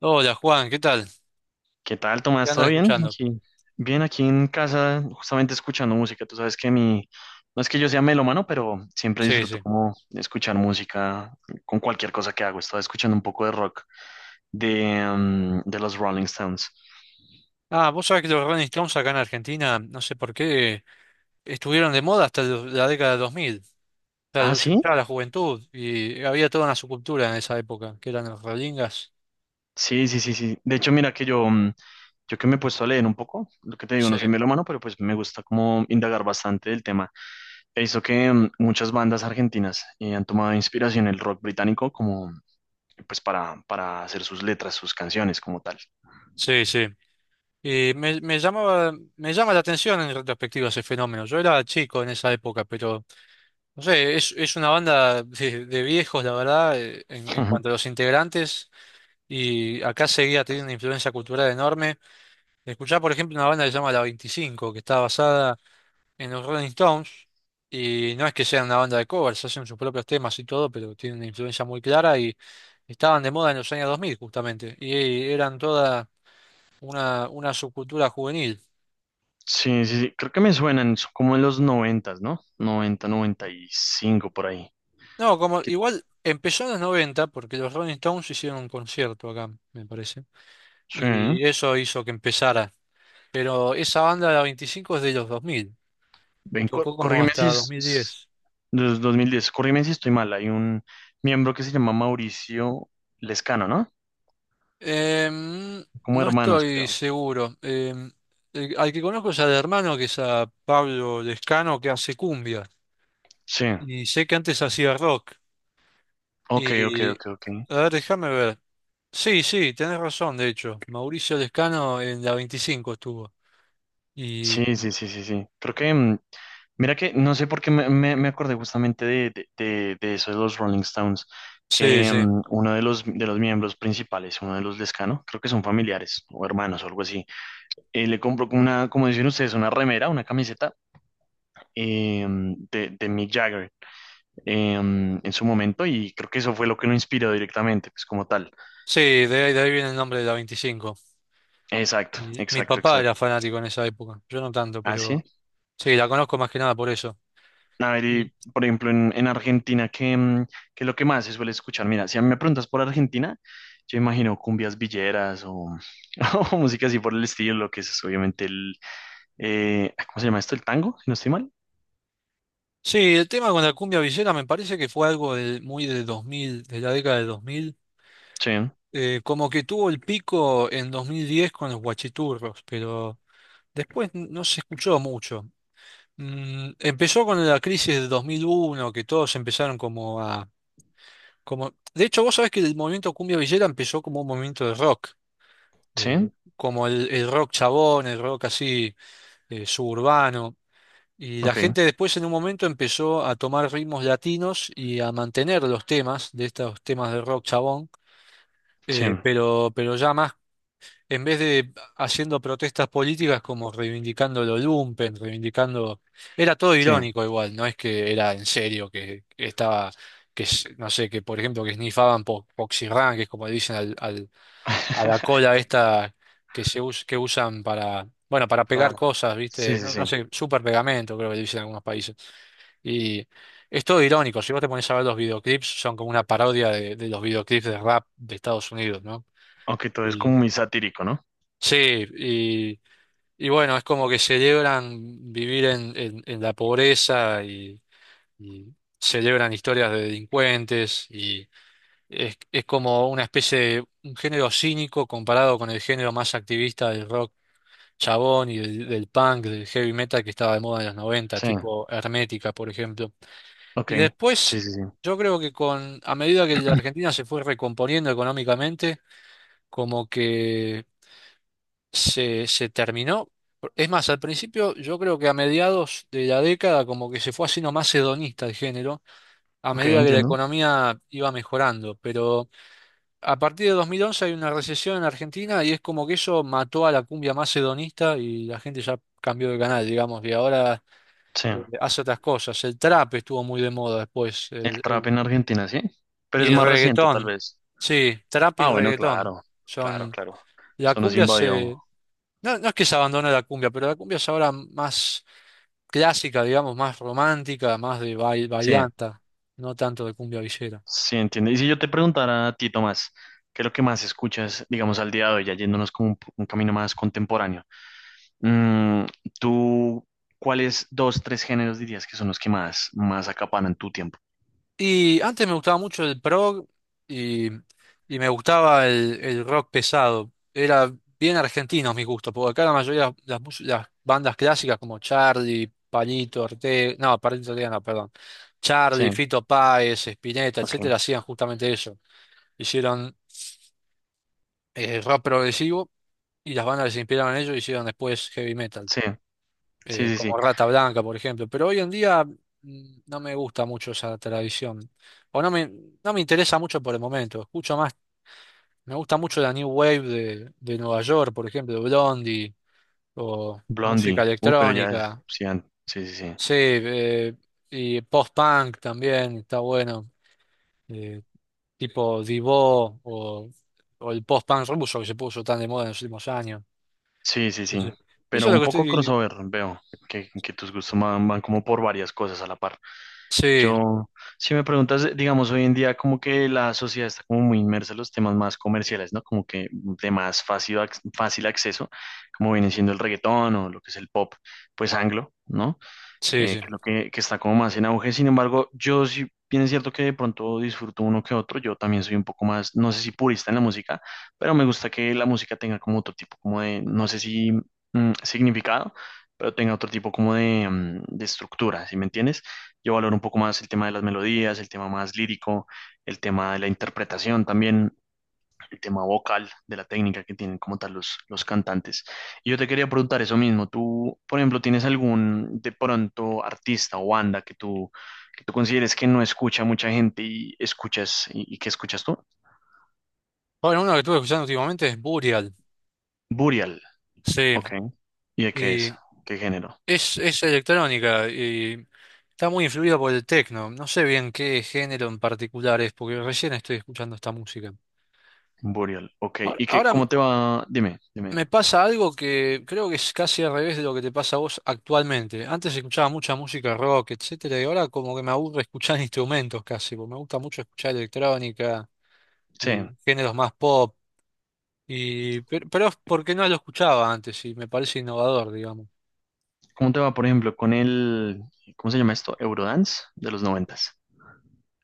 Hola Juan, ¿qué tal? ¿Qué tal, ¿Qué Tomás? andas ¿Todo bien? escuchando? Aquí, bien, aquí en casa, justamente escuchando música. Tú sabes que mi, no es que yo sea melómano, pero siempre Sí, disfruto sí. como escuchar música con cualquier cosa que hago. Estaba escuchando un poco de rock de los Rolling Stones. Ah, vos sabés que los Rolling Stones acá en Argentina, no sé por qué, estuvieron de moda hasta la década de 2000. O sea, Ah, los sí, escuchaba la juventud y había toda una subcultura en esa época, que eran los Rollingas. sí, sí, sí, sí. De hecho, mira que yo que me he puesto a leer un poco, lo que te digo, Sí, no soy melómano, pero pues me gusta como indagar bastante del tema. He visto que muchas bandas argentinas han tomado inspiración en el rock británico, como para hacer sus letras, sus canciones como tal. sí, sí. Y me llama la atención en retrospectiva ese fenómeno. Yo era chico en esa época, pero no sé, es una banda de viejos, la verdad, en Ujú. cuanto a los integrantes, y acá seguía teniendo una influencia cultural enorme. Escuchar, por ejemplo, una banda que se llama La 25, que está basada en los Rolling Stones, y no es que sean una banda de covers, hacen sus propios temas y todo, pero tienen una influencia muy clara y estaban de moda en los años 2000, justamente, y eran toda una subcultura juvenil. Sí, sí, sí, creo que me suenan son como en los noventas, ¿no? Noventa, noventa y cinco por ahí. No, como Que- igual empezó en los 90, porque los Rolling Stones hicieron un concierto acá, me parece, sí, y eso hizo que empezara, pero esa banda La 25 es de los 2000, ven, tocó como corrígeme hasta si es 2010. 2010, corrígeme si estoy mal. Hay un miembro que se llama Mauricio Lescano, ¿no? Em, Como no hermanos, estoy creo. seguro. Al que conozco es al hermano, que es a Pablo Lescano, que hace cumbia. Sí, Y sé que antes hacía rock. ok, ok, Y, ok, ok. a ver, déjame ver. Sí, sí, tenés razón, de hecho. Mauricio Lescano en la 25 estuvo. Y Sí, sí, sí, sí, sí. Mira que, no sé por qué me acordé justamente de eso de los Rolling Stones, sí, que sí. Uno de de los miembros principales, uno de los Lescano, creo que son familiares o hermanos o algo así, le compró como una, como dicen ustedes, una remera, una camiseta eh, de Mick Jagger en su momento y creo que eso fue lo que lo inspiró directamente, pues como tal. Sí, de ahí viene el nombre de la 25. Exacto, Y mi exacto, papá era exacto. fanático en esa época. Yo no tanto, ¿Ah, sí? pero sí, la conozco más que nada por eso. A ver, y, por ejemplo, en Argentina, ¿qué es lo que más se suele escuchar? Mira, si a mí me preguntas por Argentina, yo imagino cumbias villeras o, o música así por el estilo, lo que es obviamente ¿cómo se llama esto? ¿El tango? Si no estoy mal. Sí, el tema con la cumbia villera me parece que fue algo muy de 2000, de la década de 2000, Sí, como que tuvo el pico en 2010 con los guachiturros, pero después no se escuchó mucho. Empezó con la crisis de 2001, que todos empezaron como a... Como... De hecho, vos sabés que el movimiento cumbia villera empezó como un movimiento de rock, eh, sí, como el rock chabón, el rock así suburbano. Y la ok, gente después en un momento empezó a tomar ritmos latinos y a mantener los temas de estos temas de rock chabón, sí, pero ya más, en vez de haciendo protestas políticas como reivindicando lo lumpen, reivindicando... Era todo sí. irónico igual, no es que era en serio, que estaba, que no sé, que por ejemplo que snifaban po poxirrán, que es como le dicen a la cola esta que que usan para, bueno, para Ah, pegar cosas, sí, ¿viste? sí, No, no sí. sé, super pegamento creo que le dicen en algunos países. Y es todo irónico, si vos te pones a ver los videoclips, son como una parodia de los videoclips de rap de Estados Unidos, ¿no? Aunque todo es como Y, muy satírico, ¿no? sí, y bueno, es como que celebran vivir en, en la pobreza y celebran historias de delincuentes y es como una especie de un género cínico comparado con el género más activista del rock chabón y del punk, del heavy metal que estaba de moda en los 90 Sí, tipo Hermética, por ejemplo. ok, Y sí, después, sí, sí. yo creo que con, a medida que la Argentina se fue recomponiendo económicamente, como que se terminó. Es más, al principio, yo creo que a mediados de la década, como que se fue haciendo más hedonista el género, a Ok, medida que la entiendo. economía iba mejorando. Pero a partir de 2011 hay una recesión en Argentina y es como que eso mató a la cumbia más hedonista y la gente ya cambió de canal, digamos, y ahora Sí, hace otras cosas. El trap estuvo muy de moda después. el trap en Argentina, sí. Pero es Y más reciente, tal reggaetón, vez. sí, trap y Ah, bueno, reggaetón claro, claro, son... claro. La Eso nos cumbia invadió. se... No, no es que se abandone la cumbia, pero la cumbia es ahora más clásica, digamos, más romántica, más de Sí, bailanta, no tanto de cumbia villera. sí, entiende. Y si yo te preguntara a ti, Tomás, ¿qué es lo que más escuchas, digamos, al día de hoy, ya yéndonos como un camino más contemporáneo? Mm, ¿Tú cuáles dos, tres géneros dirías que son los que más, más acaparan tu tiempo? Y antes me gustaba mucho el prog y, y me gustaba el rock pesado. Era bien argentinos mis gustos, porque acá la mayoría de las bandas clásicas como Charlie, Palito Ortega no, perdón. Sí, Charlie, Fito Páez, Spinetta, etcétera, ok. hacían justamente eso. Hicieron rock progresivo y las bandas que se inspiraron en ello hicieron después heavy metal Sí, sí, sí, como sí. Rata Blanca, por ejemplo. Pero hoy en día no me gusta mucho esa tradición. O no me interesa mucho por el momento. Escucho más, me gusta mucho la New Wave de Nueva York, por ejemplo, Blondie, o música Blondie. Pero ya, electrónica. sí, sí, sí, sí. Sí, y post-punk también está bueno. eh, Tipo Divo o el post-punk ruso que se puso tan de moda en los últimos años. Sí, sí, sí. Sí. Eso Pero es lo un que poco estoy... crossover, veo que tus gustos van, van como por varias cosas a la par. Sí, Yo, si me preguntas, digamos, hoy en día como que la sociedad está como muy inmersa en los temas más comerciales, ¿no? Como que de más fácil, fácil acceso, como viene siendo el reggaetón o lo que es el pop, pues anglo, ¿no? sí, sí. Creo que está como más en auge. Sin embargo, yo sí, bien es cierto que de pronto disfruto uno que otro. Yo también soy un poco más, no sé si purista en la música, pero me gusta que la música tenga como otro tipo, como de, no sé si significado, pero tenga otro tipo como de estructura, ¿sí me entiendes? Yo valoro un poco más el tema de las melodías, el tema más lírico, el tema de la interpretación también, el tema vocal, de la técnica que tienen como tal los cantantes. Y yo te quería preguntar eso mismo, tú, por ejemplo, ¿tienes algún de pronto artista o banda que tú consideres que no escucha mucha gente y escuchas, y qué escuchas tú? Bueno, uno que estuve escuchando últimamente es Burial, Burial, sí, ok. ¿Y de qué es? y ¿Qué género? es electrónica y está muy influida por el techno. No sé bien qué género en particular es, porque recién estoy escuchando esta música. Burial, ok. Ahora, ¿Y qué, ahora cómo te va? Dime, dime. me pasa algo que creo que es casi al revés de lo que te pasa a vos actualmente. Antes escuchaba mucha música rock, etcétera, y ahora como que me aburre escuchar instrumentos casi, porque me gusta mucho escuchar electrónica Sí. y géneros más pop. Y, pero es porque no lo escuchaba antes y me parece innovador, digamos. ¿Cómo te va, por ejemplo, con ¿cómo se llama esto? Eurodance de los noventas.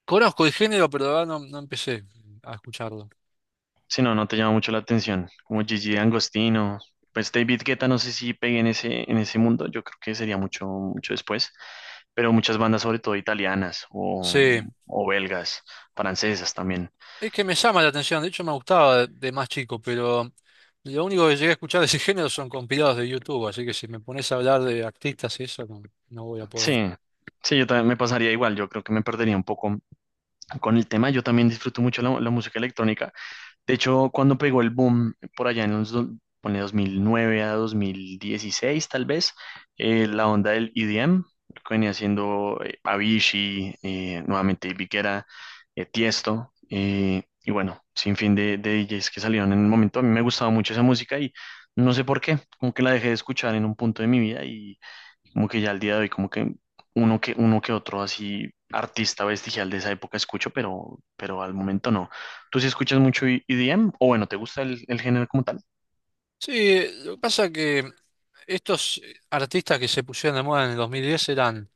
Conozco el género, pero la verdad no empecé a escucharlo. Si no, no te llama mucho la atención. Como Gigi D'Angostino, pues David Guetta, no sé si pegue en en ese mundo, yo creo que sería mucho, mucho después. Pero muchas bandas, sobre todo italianas Sí, o belgas, francesas también. es que me llama la atención, de hecho me gustaba de más chico, pero lo único que llegué a escuchar de ese género son compilados de YouTube, así que si me pones a hablar de artistas y eso, no voy a poder. Sí, sí, yo también me pasaría igual, yo creo que me perdería un poco con el tema. Yo también disfruto mucho la, la música electrónica. De hecho, cuando pegó el boom, por allá en ponle 2009 a 2016, tal vez, la onda del EDM, lo que venía haciendo Avicii, nuevamente David Guetta, Tiesto, y bueno, sin fin de DJs que salieron en el momento. A mí me gustaba mucho esa música y no sé por qué, como que la dejé de escuchar en un punto de mi vida y como que ya al día de hoy, como que uno que otro así artista vestigial de esa época escucho, pero al momento no. ¿Tú sí escuchas mucho EDM? O bueno, ¿te gusta el género como tal? Sí, lo que pasa que estos artistas que se pusieron de moda en el 2010 eran,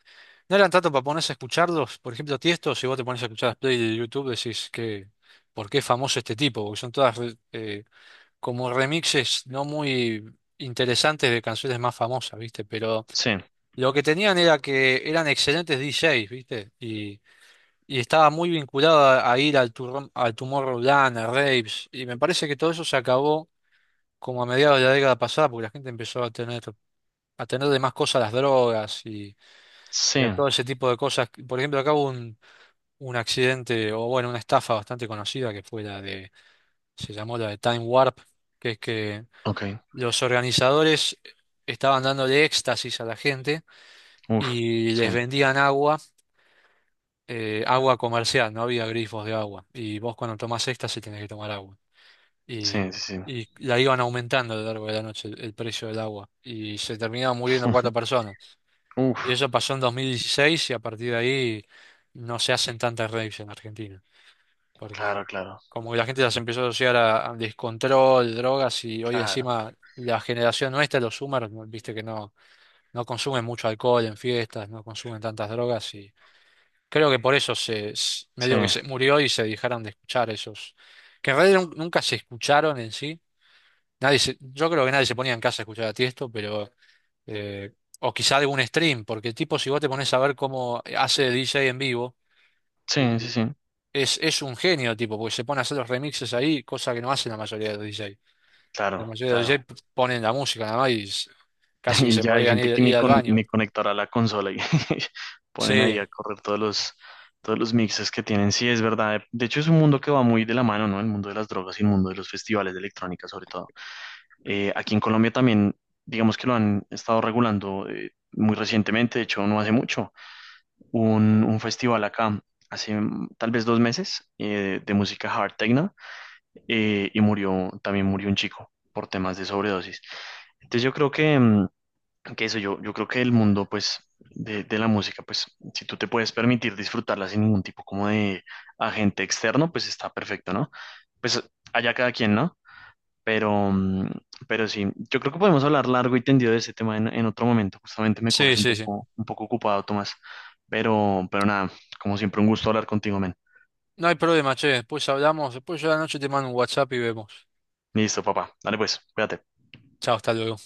no eran tanto para ponerse a escucharlos, por ejemplo, Tiesto, si vos te pones a escuchar las playlists de YouTube decís que, ¿por qué es famoso este tipo? Porque son todas eh, como remixes no muy interesantes de canciones más famosas, ¿viste? Pero Sí, lo que tenían era que eran excelentes DJs, ¿viste? Y estaba muy vinculado a ir al Tomorrowland, a raves, y me parece que todo eso se acabó como a mediados de la década pasada, porque la gente empezó a tener de más cosas las drogas y, a sí, todo ese tipo de cosas. Por ejemplo, acá hubo un accidente, o bueno, una estafa bastante conocida que se llamó la de Time Warp, que es que ok, los organizadores estaban dándole éxtasis a la gente uf, y sí, les vendían agua, agua comercial, no había grifos de agua. Y vos cuando tomás éxtasis tenés que tomar agua. Y, sí, sí, sí. y la iban aumentando a lo largo de la noche el precio del agua. Y se terminaban muriendo cuatro personas. Y Uf, eso pasó en 2016 y a partir de ahí no se hacen tantas raves en Argentina. claro, Porque claro, como que la gente las empezó a asociar a descontrol, drogas y hoy claro, encima la generación nuestra, los Zoomers, viste que no. No consumen mucho alcohol en fiestas, no consumen tantas drogas y creo que por eso sí, medio que se murió y se dejaron de escuchar esos, que en realidad nunca se escucharon en sí. Nadie se- Yo creo que nadie se ponía en casa a escuchar a Tiesto, pero eh, o quizá algún stream, porque tipo si vos te pones a ver cómo hace DJ en vivo, y sí, sí, sí, es un genio tipo, porque se pone a hacer los remixes ahí, cosa que no hacen la mayoría de los DJ. La claro, mayoría de los claro. DJ ponen la música nada más y casi que Y se ya hay podrían gente ir, que ni, ir al con, baño, ni ¿viste? conectará la consola y ponen ahí a Sí, correr todos los mixes que tienen. Sí, es verdad. De hecho, es un mundo que va muy de la mano, ¿no? El mundo de las drogas y el mundo de los festivales de electrónica, sobre todo. Aquí en Colombia también, digamos que lo han estado regulando muy recientemente, de hecho, no hace mucho. Hubo un festival acá, hace tal vez dos meses, de música hard techno, y murió, también murió un chico por temas de sobredosis. Entonces, yo creo que... que eso, yo creo que el mundo, pues, de la música, pues, si tú te puedes permitir disfrutarla sin ningún tipo como de agente externo, pues está perfecto, ¿no? Pues allá cada quien, ¿no? Pero, mm, pero sí, yo creo que podemos hablar largo y tendido de ese tema en otro momento. Justamente me sí, coges sí, sí. Un poco ocupado, Tomás. Pero nada, como siempre, un gusto hablar contigo, men. No hay problema, che. Después hablamos. Después yo a la noche te mando un WhatsApp y vemos. Listo, papá. Dale pues, cuídate. Chao, hasta luego.